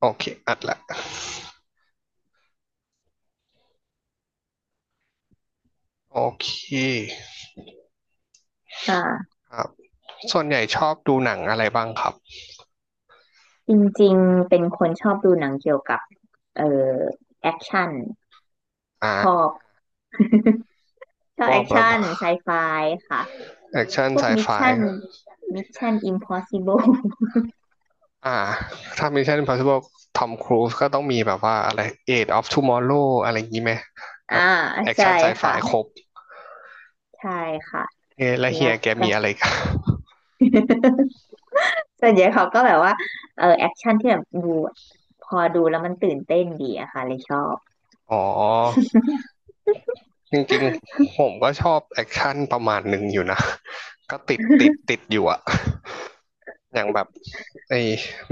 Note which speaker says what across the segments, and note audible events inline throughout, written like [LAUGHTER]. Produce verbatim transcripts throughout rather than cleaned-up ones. Speaker 1: โอเค อัดละโอเค
Speaker 2: ค่ะ
Speaker 1: ครับส่วนใหญ่ชอบดูหนังอะไรบ้างครับ
Speaker 2: จริงๆเป็นคนชอบดูหนังเกี่ยวกับเอ่อแอคชั่น
Speaker 1: อ่า
Speaker 2: ชอบช
Speaker 1: พ
Speaker 2: อบ
Speaker 1: ว
Speaker 2: แอ
Speaker 1: ก
Speaker 2: ค
Speaker 1: แบบ
Speaker 2: ชั่นไซไฟค่ะ
Speaker 1: แอคชั่น
Speaker 2: พว
Speaker 1: ไซ
Speaker 2: กมิ
Speaker 1: ไฟ
Speaker 2: ชชั่นมิชชั่นอิมพ [LAUGHS] อสิเบิล [LAUGHS]
Speaker 1: อ่าถ้ามีเช่น Impossible ทอมครูซก็ต้องมีแบบว่าอะไร Age of Tomorrow อะไรอย่างนี้ไหม
Speaker 2: อ่า
Speaker 1: แอค
Speaker 2: ใช่
Speaker 1: ชั่นไซไฟ
Speaker 2: ค่ะ
Speaker 1: ครบ
Speaker 2: ใช่ค่ะ
Speaker 1: เอแล้วเฮี
Speaker 2: แล้
Speaker 1: ย
Speaker 2: ว
Speaker 1: แก
Speaker 2: ก็
Speaker 1: มีอะไร [LAUGHS] อับ
Speaker 2: [LAUGHS] ส่วนใหญ่เขาก็แบบว่าเออแอคชั่นที่แบบดูพอดูแล้วมันตื่นเต้นดีอะค่ะเลยชอบ
Speaker 1: อ๋อ จริงๆผมก็ชอบแอคชั่นประมาณหนึ่งอยู่นะ [LAUGHS] ก็ติดติดติดอยู่อะ [LAUGHS] อย่างแบบไอ้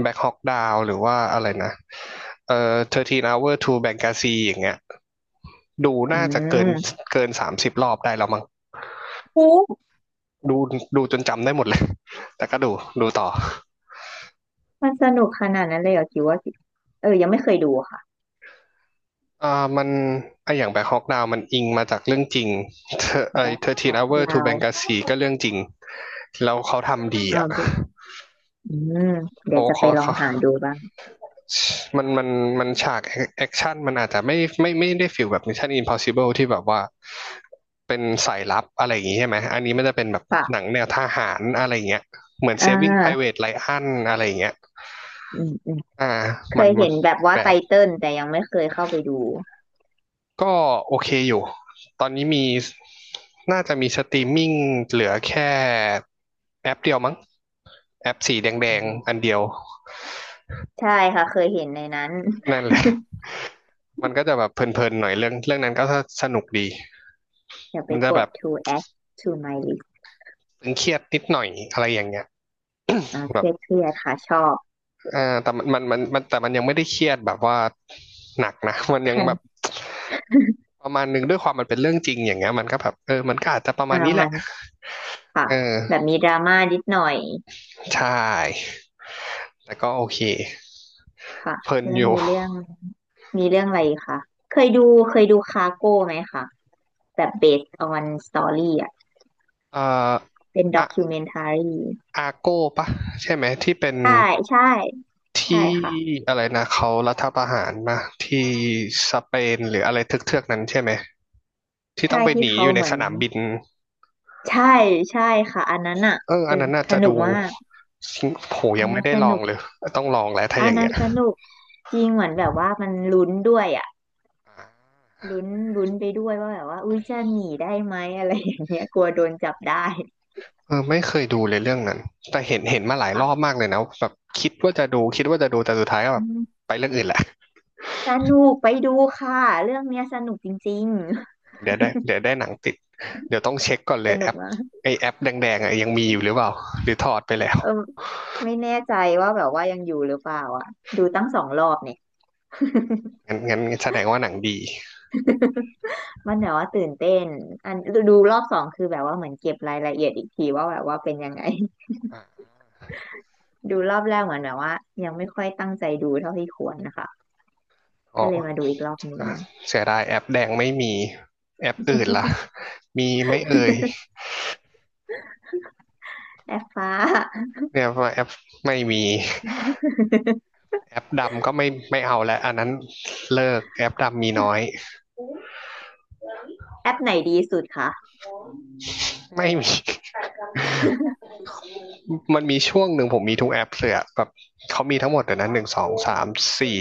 Speaker 1: แบ็คฮอกดาวหรือว่าอะไรนะเอ่อสิบสาม hour to Benghazi อย่างเงี้ยดู
Speaker 2: อื
Speaker 1: น่าจะเกิน
Speaker 2: ม
Speaker 1: เกินสามสิบรอบได้แล้วมั้ง
Speaker 2: โอ้
Speaker 1: ดูดูจนจำได้หมดเลย [LAUGHS] แต่ก็ดูดูต่อ
Speaker 2: มันสนุกขนาดนั้นเลยเหรอคิดว่าเออยังไม่เคยดูค่ะ
Speaker 1: อ่ามันไออย่างแบ็คฮอกดาวมันอิงมาจากเรื่องจริงเธอไอ
Speaker 2: Black
Speaker 1: สิบสาม
Speaker 2: Hawk
Speaker 1: hour to
Speaker 2: Down
Speaker 1: Benghazi ก็เรื่องจริงแล้วเขาทำดี
Speaker 2: อ
Speaker 1: อ่ะ
Speaker 2: ่า อืมเดี๋ย
Speaker 1: เขา
Speaker 2: วจะไป
Speaker 1: เขา
Speaker 2: ลอง
Speaker 1: เขา
Speaker 2: หาดูบ้าง
Speaker 1: มันมันมันฉากแอคชั่นมันอาจจะไม่ไม่ไม่ได้ฟิลแบบ Mission Impossible ที่แบบว่าเป็นสายลับอะไรอย่างงี้ใช่ไหมอันนี้มันจะเป็นแบบ
Speaker 2: ปะ
Speaker 1: หนังแนวทหารอะไรอย่างเงี้ยเหมือน
Speaker 2: อ่
Speaker 1: Saving
Speaker 2: า
Speaker 1: Private Ryan อะไรอย่างเงี้ย
Speaker 2: อืมอืม
Speaker 1: อ่า
Speaker 2: เค
Speaker 1: มัน
Speaker 2: ย
Speaker 1: มั
Speaker 2: เห็
Speaker 1: น
Speaker 2: นแบบว่า
Speaker 1: แบ
Speaker 2: ไต
Speaker 1: บ
Speaker 2: เติ้ลแต่ยังไม่เคยเข้าไปดู
Speaker 1: ก็โอเคอยู่ตอนนี้มีน่าจะมีสตรีมมิ่งเหลือแค่แอปเดียวมั้งแอปสีแด
Speaker 2: อื
Speaker 1: ง
Speaker 2: ม
Speaker 1: ๆอันเดียว
Speaker 2: ใช่ค่ะเคยเห็นในนั้น
Speaker 1: นั่นแหละมันก็จะแบบเพลินๆหน่อยเรื่องเรื่องนั้นก็สนุกดี
Speaker 2: [LAUGHS] เดี๋ยวไป
Speaker 1: มันจะ
Speaker 2: ก
Speaker 1: แบ
Speaker 2: ด
Speaker 1: บ
Speaker 2: to add to my list
Speaker 1: ตึงเครียดนิดหน่อยอะไรอย่างเงี้ย
Speaker 2: อ่าเค
Speaker 1: แบบ
Speaker 2: รียดเครียดค่ะชอบ
Speaker 1: อ่าแต่มันมันมันแต่มันยังไม่ได้เครียดแบบว่าหนักนะ [LAUGHS] มันยัง
Speaker 2: คั
Speaker 1: แบบ
Speaker 2: น
Speaker 1: ประมาณหนึ่งด้วยความมันเป็นเรื่องจริงอย่างเงี้ยมันก็แบบเออมันก็อาจจะประมา
Speaker 2: อ่า
Speaker 1: ณนี้แห
Speaker 2: มั
Speaker 1: ละ
Speaker 2: นค่ะ
Speaker 1: เ
Speaker 2: แบบ
Speaker 1: ออ
Speaker 2: มีดราม่านิดหน่อย
Speaker 1: ใช่แต่ก็โอเค
Speaker 2: ค่ะ
Speaker 1: เพลิน
Speaker 2: แล้
Speaker 1: อ
Speaker 2: ว
Speaker 1: ยู่
Speaker 2: มีเรื่องมีเรื่องอะไรอีกคะเคยดูเคยดูคาโก้ไหมคะแบบ based on story อ่ะ
Speaker 1: เอ่อ
Speaker 2: เป็น
Speaker 1: อะ
Speaker 2: documentary
Speaker 1: อาโก้ปะใช่ไหมที่เป็น
Speaker 2: ใช่ใช่
Speaker 1: ท
Speaker 2: ใช่
Speaker 1: ี่
Speaker 2: ค่ะ
Speaker 1: อะไรนะเขารัฐประหารมาที่สเปนหรืออะไรเทือกๆนั้นใช่ไหมที่ต้อ
Speaker 2: ใช่
Speaker 1: งไปห
Speaker 2: ที่
Speaker 1: นี
Speaker 2: เขา
Speaker 1: อยู่ใน
Speaker 2: เหมือ
Speaker 1: ส
Speaker 2: น
Speaker 1: นามบิน
Speaker 2: ใช่ใช่ค่ะอันนั้นอ่ะ
Speaker 1: เอออั
Speaker 2: ตึ
Speaker 1: น
Speaker 2: ง
Speaker 1: นั้นน่า
Speaker 2: ส
Speaker 1: จะ
Speaker 2: นุ
Speaker 1: ดู
Speaker 2: กมาก
Speaker 1: [LAUGHS] โห
Speaker 2: อั
Speaker 1: ยั
Speaker 2: น
Speaker 1: งไม่
Speaker 2: นั้น
Speaker 1: ได้
Speaker 2: ส
Speaker 1: ลอง
Speaker 2: นุก
Speaker 1: เลยต้องลองแล้วถ้า
Speaker 2: อั
Speaker 1: อ
Speaker 2: น
Speaker 1: ย่าง
Speaker 2: นั้
Speaker 1: เงี้
Speaker 2: น
Speaker 1: ย
Speaker 2: สนุกจริงเหมือนแบบว่ามันลุ้นด้วยอ่ะลุ้นลุ้นไปด้วยว่าแบบว่าอุ้ยจะหนีได้ไหมอะไรอย่างเงี้ยกลัวโดนจับได้
Speaker 1: เออไม่เคยดูเลยเรื่องนั้นแต่เห็นเห็นมาหลายรอบ
Speaker 2: ค่ะ
Speaker 1: มากเลยนะแบบคิดว่าจะดูคิดว่าจะดูแต่สุดท้ายก็แบ
Speaker 2: อื
Speaker 1: บ
Speaker 2: ม
Speaker 1: ไปเรื่องอื่นแหละ
Speaker 2: สนุกไปดูค่ะเรื่องเนี้ยสนุกจริง
Speaker 1: เดี๋ยวได้เดี๋ยวได้หนังติดเดี๋ยวต้องเช็คก่อน
Speaker 2: ๆ
Speaker 1: เล
Speaker 2: ส
Speaker 1: ยแอ
Speaker 2: นุก
Speaker 1: ป
Speaker 2: มาก
Speaker 1: ไอแอปแดงๆอ่ะยังมีอยู่หรือเปล่าหรือถอดไปแล้ว
Speaker 2: เออไม่แน่ใจว่าแบบว่ายังอยู่หรือเปล่าอ่ะดูตั้งสองรอบเนี่ย
Speaker 1: งั้นงั้นแสดงว่าหนังดี
Speaker 2: มันแบบว่าตื่นเต้นอันดูรอบสองคือแบบว่าเหมือนเก็บรายละเอียดอีกทีว่าแบบว่าเป็นยังไง
Speaker 1: อ่ะ
Speaker 2: ดูรอบแรกเหมือนแบบว่ายังไม่ค่อยตั้งใจดูเท่าที่ควรนะคะ
Speaker 1: อ๋
Speaker 2: ก็
Speaker 1: อ
Speaker 2: เลยมาดูอีกรอบหนึ่ง
Speaker 1: อ่ะเสียดายแอปแดงไม่มี แอปอื่นล่ะมีไหม่เอ่ย
Speaker 2: แอปฟ้า
Speaker 1: เนี่ยว่าแอปไม่มี แอปดำก็ไม่ไม่เอาแล้วอันนั้นเลิกแอปดำมีน้อย
Speaker 2: [LAUGHS] แอปไหนดีสุดคะ
Speaker 1: [LAUGHS] ไม่มี [LAUGHS] มันมีช่วงหนึ่งผมมีทุกแอปเลยอแบบเขามีทั้งหมดเตีนั้นหนึ่งสองสามสี่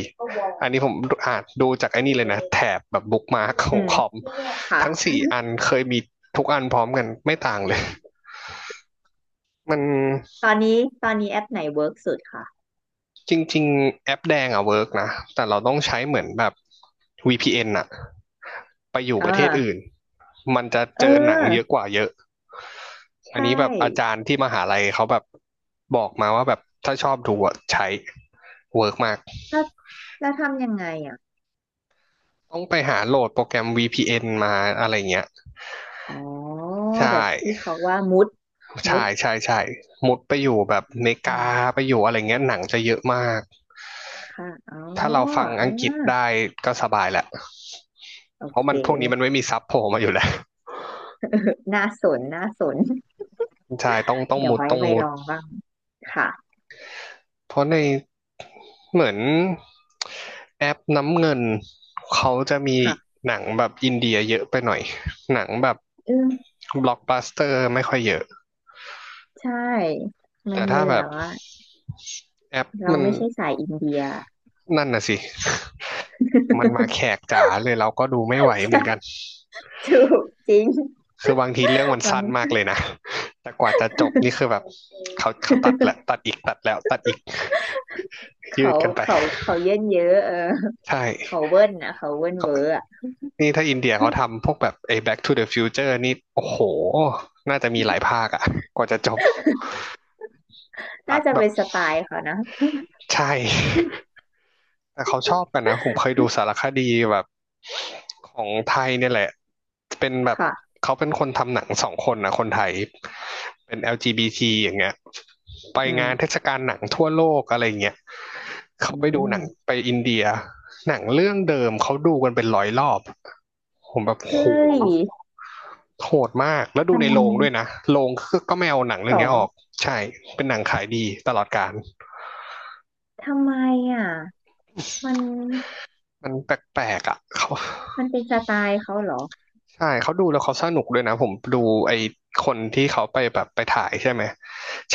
Speaker 1: อันนี้ผมอ่านดูจากไอ้นี่เลยนะแถบแบบบุ๊กมาร์คข
Speaker 2: อื
Speaker 1: อง
Speaker 2: ม
Speaker 1: คอม
Speaker 2: ค่ะ
Speaker 1: ทั้งสี่อันเคยมีทุกอันพร้อมกันไม่ต่างเลย [LAUGHS] มัน
Speaker 2: ตอนนี้ตอนนี้แอปไหนเวิร์กสุดคะ
Speaker 1: จริงๆแอปแดงอะเวิร์กนะแต่เราต้องใช้เหมือนแบบ วี พี เอ็น อนอะไปอยู่
Speaker 2: เอ
Speaker 1: ประเทศอื่
Speaker 2: อ
Speaker 1: นมันจะ
Speaker 2: เอ
Speaker 1: เจอหนังเยอะ
Speaker 2: อ
Speaker 1: กว่าเยอะ อัน
Speaker 2: ใช่
Speaker 1: นี้แบบอาจารย์ที่มหาลัยเขาแบบบอกมาว่าแบบถ้าชอบดูอะใช้เวิร์กมาก
Speaker 2: แล้วแล้วทำยังไงอ่ะ
Speaker 1: ต้องไปหาโหลดโปรแกรม วี พี เอ็น มาอะไรเงี้ย
Speaker 2: อ๋อ
Speaker 1: ใช่
Speaker 2: แบบที่เขาว่ามุดมุ
Speaker 1: ใช่
Speaker 2: ด
Speaker 1: ใช่ใช่มุดไปอยู่แบบเม
Speaker 2: อื
Speaker 1: กา
Speaker 2: ม
Speaker 1: ไปอยู่อะไรเงี้ยหนังจะเยอะมาก
Speaker 2: ค่ะอ๋อ
Speaker 1: ถ้าเราฟัง
Speaker 2: เออ
Speaker 1: อังกฤษได้ก็สบายแหละ
Speaker 2: โอ
Speaker 1: เพราะ
Speaker 2: เค
Speaker 1: มันพวกนี้มันไม่มีซับโผล่มาอยู่แล้ว
Speaker 2: [LAUGHS] น่าสนน่าสน
Speaker 1: ใช่ต้องต้อง
Speaker 2: เดี๋ยว
Speaker 1: มุด
Speaker 2: ไว้
Speaker 1: ต้อง
Speaker 2: ไป
Speaker 1: มุ
Speaker 2: ล
Speaker 1: ด
Speaker 2: องบ้างค่ะ
Speaker 1: เพราะในเหมือนแอปน้ำเงินเขาจะมี
Speaker 2: ค่ะ
Speaker 1: หนังแบบอินเดียเยอะไปหน่อยหนังแบบ
Speaker 2: อืม
Speaker 1: บล็อกบัสเตอร์ไม่ค่อยเยอะ
Speaker 2: ใช่มั
Speaker 1: แต่
Speaker 2: นเล
Speaker 1: ถ้า
Speaker 2: ย
Speaker 1: แบ
Speaker 2: แบ
Speaker 1: บ
Speaker 2: บว่า
Speaker 1: แอป
Speaker 2: เรา
Speaker 1: มัน
Speaker 2: ไม่ใช่สายอินเดีย
Speaker 1: นั่นน่ะสิ [LAUGHS] มันมาแข
Speaker 2: [LAUGHS]
Speaker 1: กจ๋าเลยเราก็ดูไม่ไหวเหมือนกัน
Speaker 2: ใช่ถูกจริง [LAUGHS]
Speaker 1: คือบางทีเรื่องมัน
Speaker 2: หลัง
Speaker 1: สั้นมากเลยนะแต่กว่าจะจบนี่คือแบบเขาเขาตัดแหละ
Speaker 2: [LAUGHS]
Speaker 1: ตัดอีกตัดแล้วตัดอีกยื
Speaker 2: เขา
Speaker 1: ดกันไป
Speaker 2: เขาเขาเยินเยอะเออ
Speaker 1: ใช่
Speaker 2: เขาเวิ้นนะเขาเวิ้นเวอร์อะ
Speaker 1: นี่ถ้าอินเดียเขาทำพวกแบบไอ้ Back to the Future นี่ โอ้โห น่าจะมีหลายภาคอะกว่าจะจบตั
Speaker 2: น่า
Speaker 1: ด
Speaker 2: จะ
Speaker 1: แบบ
Speaker 2: เป็นสไตล์เขานะ
Speaker 1: ใช่ [LAUGHS] แต่เขาชอบกันนะผมเคยดูสารคดีแบบของไทยเนี่ยแหละ เป็นแบบ
Speaker 2: ค่ะ
Speaker 1: เขาเป็นคนทำหนังสองคนนะคนไทยเป็น แอล จี บี ที อลจีบีทีอย่างเงี้ยไป
Speaker 2: อื
Speaker 1: งานเท
Speaker 2: ม
Speaker 1: ศกาลหนังทั่วโลกอะไรเงี้ยเขา
Speaker 2: อื
Speaker 1: ไปดูหนัง
Speaker 2: ม
Speaker 1: ไปอินเดีย หนังเรื่องเดิมเขาดูกันเป็นร้อยรอบผมแบบโห
Speaker 2: เฮ้ย
Speaker 1: โหดมาก แล้วดู
Speaker 2: มั
Speaker 1: ในโร
Speaker 2: น
Speaker 1: งด้วยนะโรงก็ก็ไม่เอาหนังเรื่
Speaker 2: ส
Speaker 1: อ
Speaker 2: อ
Speaker 1: งนี้อ
Speaker 2: ง
Speaker 1: อก ใช่ เป็นหนังขายดีตลอดกาล
Speaker 2: ทำไมอ่ะมัน
Speaker 1: มันแปลกๆอ่ะเขา
Speaker 2: มันเป็นสไตล์เขาเหรอ
Speaker 1: ใช่ เขาดูแล้วเขาสนุกด้วยนะ ผมดูไอคนที่เขาไปแบบไปถ่ายใช่ไหม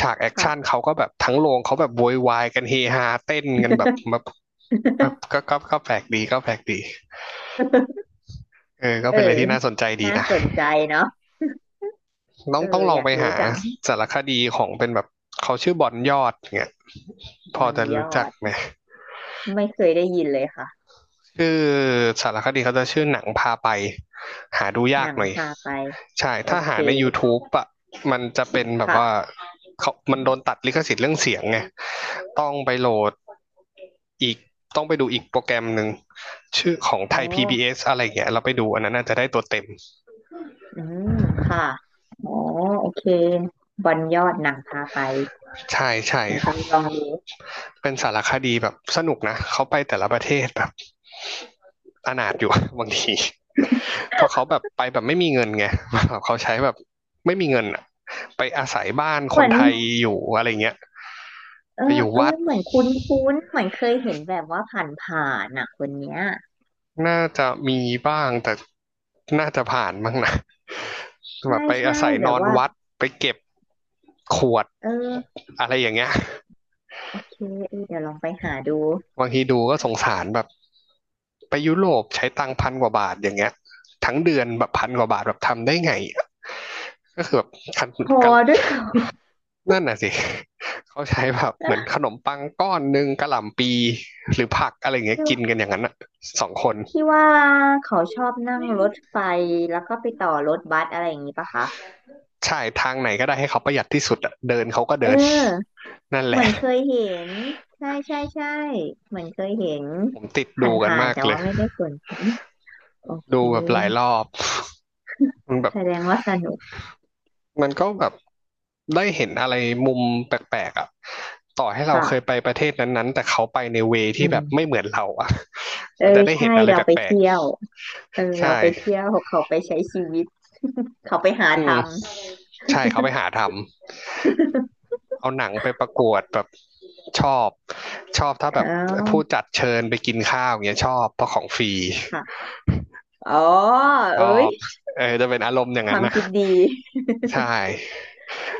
Speaker 1: ฉากแอคชั่น
Speaker 2: ค่ะ
Speaker 1: เขาก็แบบทั้งโรงเขาแบบโวยวายกันเฮฮาเต้นกันแบบแบบแบบก็ก็ก็แปลกดีก็แปลกดีเออก็
Speaker 2: เออ
Speaker 1: เป็นอะไรที่น่าสนใจดี
Speaker 2: น่า
Speaker 1: นะ
Speaker 2: สนใจเนาะ
Speaker 1: ต้อ
Speaker 2: เอ
Speaker 1: ง
Speaker 2: อ
Speaker 1: ต้องลอ
Speaker 2: อ
Speaker 1: ง
Speaker 2: ยา
Speaker 1: ไป
Speaker 2: กรู้
Speaker 1: หา
Speaker 2: จัง
Speaker 1: สารคดีของเป็นแบบเขาชื่อบอนยอดเนี่ย
Speaker 2: บ
Speaker 1: พอ
Speaker 2: น
Speaker 1: จะ
Speaker 2: ย
Speaker 1: รู้
Speaker 2: อ
Speaker 1: จัก
Speaker 2: ด
Speaker 1: ไหม
Speaker 2: ไม่เคยได้ยินเลยค่ะ
Speaker 1: คือสารคดีเขาจะชื่อหนังพาไปหาดูยา
Speaker 2: ห
Speaker 1: ก
Speaker 2: นัง
Speaker 1: หน่อย
Speaker 2: พาไป
Speaker 1: ใช่
Speaker 2: โอ
Speaker 1: ถ้า
Speaker 2: เค
Speaker 1: หาใน YouTube อ่ะมันจะเป็นแบบว่า
Speaker 2: ค่ะ
Speaker 1: เขามันโดนตัดลิขสิทธิ์เรื่องเสียงไงต้องไปโหลดอีกต้องไปดูอีกโปรแกรมหนึ่งชื่อของไท
Speaker 2: อ๋อ
Speaker 1: ย พี บี เอส อสอะไรอย่างเงี้ยเราไปดูอันนั้นน่าจะได้ตัวเต็ม
Speaker 2: อืมค่ะอ๋อโอเคบอลยอดหนังพาไป
Speaker 1: ใช่ใช่
Speaker 2: เดี๋ยวจะไปลองดู
Speaker 1: เป็นสารคดีแบบสนุกนะเขาไปแต่ละประเทศแบบ อนาถอยู่ [LAUGHS] บางทีเพราะเขาแบบไปแบบไม่มีเงินไง [LAUGHS] เขาใช้แบบไม่มีเงินอะไปอาศัยบ้าน
Speaker 2: เห
Speaker 1: ค
Speaker 2: มื
Speaker 1: น
Speaker 2: อน
Speaker 1: ไทยอยู่อะไรเงี้ย
Speaker 2: เอ
Speaker 1: ไปอ
Speaker 2: อ
Speaker 1: ยู่
Speaker 2: เอ
Speaker 1: วั
Speaker 2: อ
Speaker 1: ด
Speaker 2: เหมือนคุ้นคุ้นเหมือนเคยเห็นแบบว่าผ่านผ่านอ่ะคนเนี้ย
Speaker 1: น่าจะมีบ้างแต่น่าจะผ่านมั้งนะ [LAUGHS] แบ
Speaker 2: ใช่
Speaker 1: บไปอา
Speaker 2: ใช่
Speaker 1: ศัย
Speaker 2: แบ
Speaker 1: นอ
Speaker 2: บ
Speaker 1: น
Speaker 2: ว่า
Speaker 1: วัดไปเก็บขวด
Speaker 2: เออ
Speaker 1: อะไรอย่างเงี้ย
Speaker 2: โอเคเออเดี๋ยวลองไปหาดู
Speaker 1: บางทีดูก็สงสารแบบไปยุโรปใช้ตังค์พันกว่าบาทอย่างเงี้ยทั้งเดือนแบบพันกว่าบาทแบบทำได้ไงก็คือแบบ
Speaker 2: พอ
Speaker 1: ก
Speaker 2: ด้วยเหรอ
Speaker 1: นั่นน่ะสิ [LAUGHS] เขาใช้แบบเหมือนขนมปังก้อนหนึ่งกะหล่ำปีหรือผักอะไรอย่างเงี้ย
Speaker 2: ที่
Speaker 1: กินกัน
Speaker 2: ว่า
Speaker 1: อย่างนั้นอ่ะสองคน
Speaker 2: ที่ว่าเขาชอบนั่งรถไฟแล้วก็ไปต่อรถบัสอะไรอย่างนี้ปะคะ
Speaker 1: ใช่ทางไหนก็ได้ให้เขาประหยัดที่สุดอะเดินเขาก็
Speaker 2: เอ
Speaker 1: เดิน
Speaker 2: อ
Speaker 1: [LAUGHS] นั่นแห
Speaker 2: เหมื
Speaker 1: ละ
Speaker 2: อนเคยเห็นใช่ใช่ใช่เหมือนเคยเห็น
Speaker 1: ผมติด
Speaker 2: ผ
Speaker 1: ดูกัน
Speaker 2: ่าน
Speaker 1: มา
Speaker 2: ๆ
Speaker 1: ก
Speaker 2: แต่
Speaker 1: เล
Speaker 2: ว่า
Speaker 1: ย
Speaker 2: ไม่ได้สน โอเค
Speaker 1: ดูแบบหลายรอบมันแบบ
Speaker 2: แสดงว่าสนุก
Speaker 1: มันก็แบบได้เห็นอะไรมุมแปลกๆอ่ะต่อให้เราเคย
Speaker 2: ค่ะ
Speaker 1: ไปประเทศนั้นๆแต่เขาไปในเว
Speaker 2: อื
Speaker 1: ที่แบบไม่
Speaker 2: ม
Speaker 1: เหมือนเราอ่ะ [LAUGHS]
Speaker 2: เอ
Speaker 1: มันจะ
Speaker 2: อ
Speaker 1: ได้เห็น
Speaker 2: ใช่
Speaker 1: อะไร
Speaker 2: เราไป
Speaker 1: แปลก
Speaker 2: เที่ยวเออ
Speaker 1: ๆใช่
Speaker 2: เราไปเที่ยวเขาไปใช้ชีวิต [LAUGHS] เขาไปหา
Speaker 1: อืม
Speaker 2: ทำร
Speaker 1: ใช่เขาไปหาทำ เอาหนังไปประกวดแบบชอบชอบถ้าแบ
Speaker 2: ข
Speaker 1: บผู้
Speaker 2: า
Speaker 1: จัดเชิญไปกินข้าวอย่างเงี้ยชอบเพราะของฟรี
Speaker 2: ค่ะอ๋อ
Speaker 1: ชอ
Speaker 2: เอ้ย
Speaker 1: บเออจะเป็นอารมณ์อย่าง
Speaker 2: ค
Speaker 1: นั้
Speaker 2: วา
Speaker 1: น
Speaker 2: ม
Speaker 1: นะ
Speaker 2: คิดดี
Speaker 1: ใช่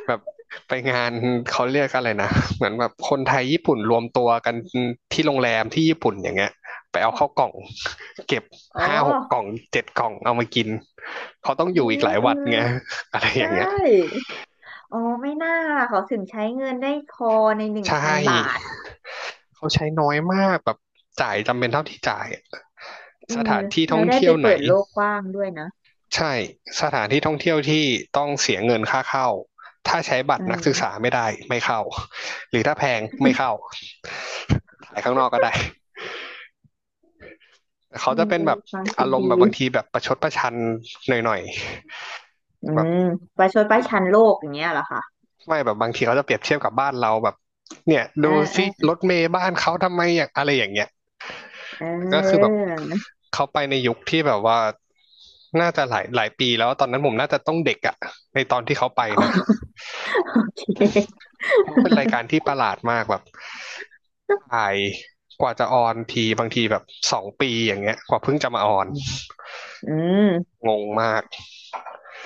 Speaker 1: แบบไปงานเขาเรียกอะไรนะเหมือนแบบคนไทยญี่ปุ่นรวมตัวกันที่โรงแรมที่ญี่ปุ่นอย่างเงี้ยไปเอาเข้าวกล่องเก็บ
Speaker 2: อ๋อ
Speaker 1: ห้าหกกล่องเจ็ดกล่องเอามากินเขาต้องอยู่
Speaker 2: เฮ้
Speaker 1: อีกห
Speaker 2: ย
Speaker 1: ลาย
Speaker 2: เออ
Speaker 1: วันไงอะไร
Speaker 2: ใช
Speaker 1: อย่างเงี้ย
Speaker 2: ่อ๋อไม่น่าล่ะเขาถึงใช้เงินได้พอในหนึ่ง
Speaker 1: ใช่
Speaker 2: พันบาท
Speaker 1: เขาใช้น้อยมากแบบจ่ายจำเป็นเท่าที่จ่ายอะ
Speaker 2: อื
Speaker 1: ส
Speaker 2: ม
Speaker 1: ถานที่ท่
Speaker 2: เรา
Speaker 1: อง
Speaker 2: ได้
Speaker 1: เที่
Speaker 2: ไป
Speaker 1: ยวไห
Speaker 2: เปิ
Speaker 1: น
Speaker 2: ดโลกกว้างด้วยนะ
Speaker 1: ใช่สถานที่ท่องเที่ยวที่ต้องเสียเงินค่าเข้าถ้าใช้บัต
Speaker 2: อื
Speaker 1: รนักศึก
Speaker 2: ม
Speaker 1: ษาไม่ได้ไม่เข้าหรือถ้าแพงไม่เข้าถ่ายข้างนอกก็ได้เขา
Speaker 2: อื
Speaker 1: จะ
Speaker 2: ม
Speaker 1: เป็น
Speaker 2: เออ
Speaker 1: แบบ
Speaker 2: ความคิ
Speaker 1: อา
Speaker 2: ด
Speaker 1: รม
Speaker 2: ดี
Speaker 1: ณ์แบบบางทีแบบประชดประชันหน่อย
Speaker 2: อื
Speaker 1: ๆแบบ
Speaker 2: มประชดประชันโลกอย่างเงี้ยเหรอคะ
Speaker 1: ไม่แบบบางทีเขาจะเปรียบเทียบกับบ้านเราแบบเนี่ย
Speaker 2: เออ
Speaker 1: ดู
Speaker 2: เอ
Speaker 1: สิ
Speaker 2: อ
Speaker 1: รถเมล์บ้านเขาทำไมอย่างอะไรอย่างเงี้ย
Speaker 2: เ
Speaker 1: แต่ก็คือแบบ
Speaker 2: ออ
Speaker 1: เขาไปในยุคที่แบบว่าน่าจะหลายหลายปีแล้วตอนนั้นผมน่าจะต้องเด็กอะในตอนที่เขาไปนะ
Speaker 2: โอเค
Speaker 1: เพราะเป็นรายการที่ประหลาดมากแบบถ่ายกว่าจะออนทีบางทีแบบสองปีอย่างเงี้ยกว่าเพิ่งจะมาออน
Speaker 2: อืมอืม
Speaker 1: งงมาก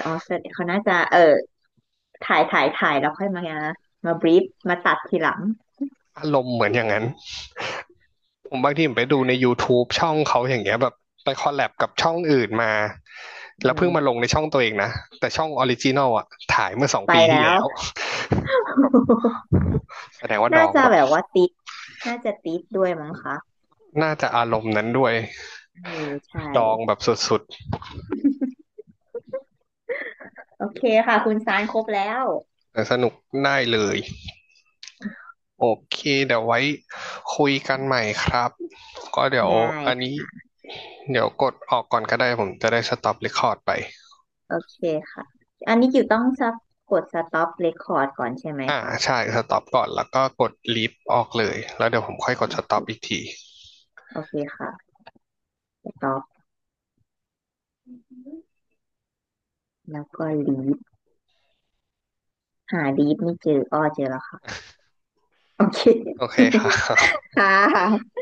Speaker 2: อ๋อเสดงเขา น่าจะเออถ่ายถ่ายถ่ายแล้วค่อยมามาบรีฟมาตัดทีหลัง
Speaker 1: อารมณ์เหมือนอย่างนั้นผมบางทีผมไปดูใน YouTube ช่องเขาอย่างเงี้ยแบบไปคอลแลบกับช่องอื่นมา
Speaker 2: อื
Speaker 1: แล้วเพิ่งมาล
Speaker 2: ม
Speaker 1: งในช่องตัวเองนะแต่ช่องออริจินอลอะถ่ายเมื่อสอง
Speaker 2: ไป
Speaker 1: ปีที่
Speaker 2: แล้ว
Speaker 1: แล้วแบบ
Speaker 2: [LAUGHS]
Speaker 1: แสดงว่าด
Speaker 2: น่า
Speaker 1: อง
Speaker 2: จะ
Speaker 1: แบบ
Speaker 2: แบบว่าติด น่าจะติดด้วยมั้งคะ
Speaker 1: น่าจะอารมณ์นั้นด้วย
Speaker 2: เออใช่
Speaker 1: ดองแบบสุด
Speaker 2: โอเคค่ะ คุณซานครบแล้ว
Speaker 1: ๆแต่สนุกได้เลย โอเค เดี๋ยวไว้คุยกันใหม่ครับ ก็เดี๋ยว
Speaker 2: ได้
Speaker 1: อันนี้
Speaker 2: ค่ะ
Speaker 1: เดี๋ยวกดออกก่อนก็ได้ผมจะได้สต็อปเรคคอร์ดไป
Speaker 2: โอเคค่ะ อันนี้กิวต้องสะกด สต็อป เรคคอร์ด ก่อนใช่ไหม
Speaker 1: อ่า
Speaker 2: คะ
Speaker 1: ใช่สต็อปก่อน แล้วก็กดลีฟออกเลย แล้วเดี๋ยวผมค่อยก
Speaker 2: โอ
Speaker 1: ดสต็อป
Speaker 2: เค
Speaker 1: อีกที
Speaker 2: โอเคค่ะ stop แล้วก็ ลีฟ หา ลีฟ ไม่เจออ้อเจอแล้วค่ะ โอเค
Speaker 1: โอเคค่ะ
Speaker 2: ค่ะ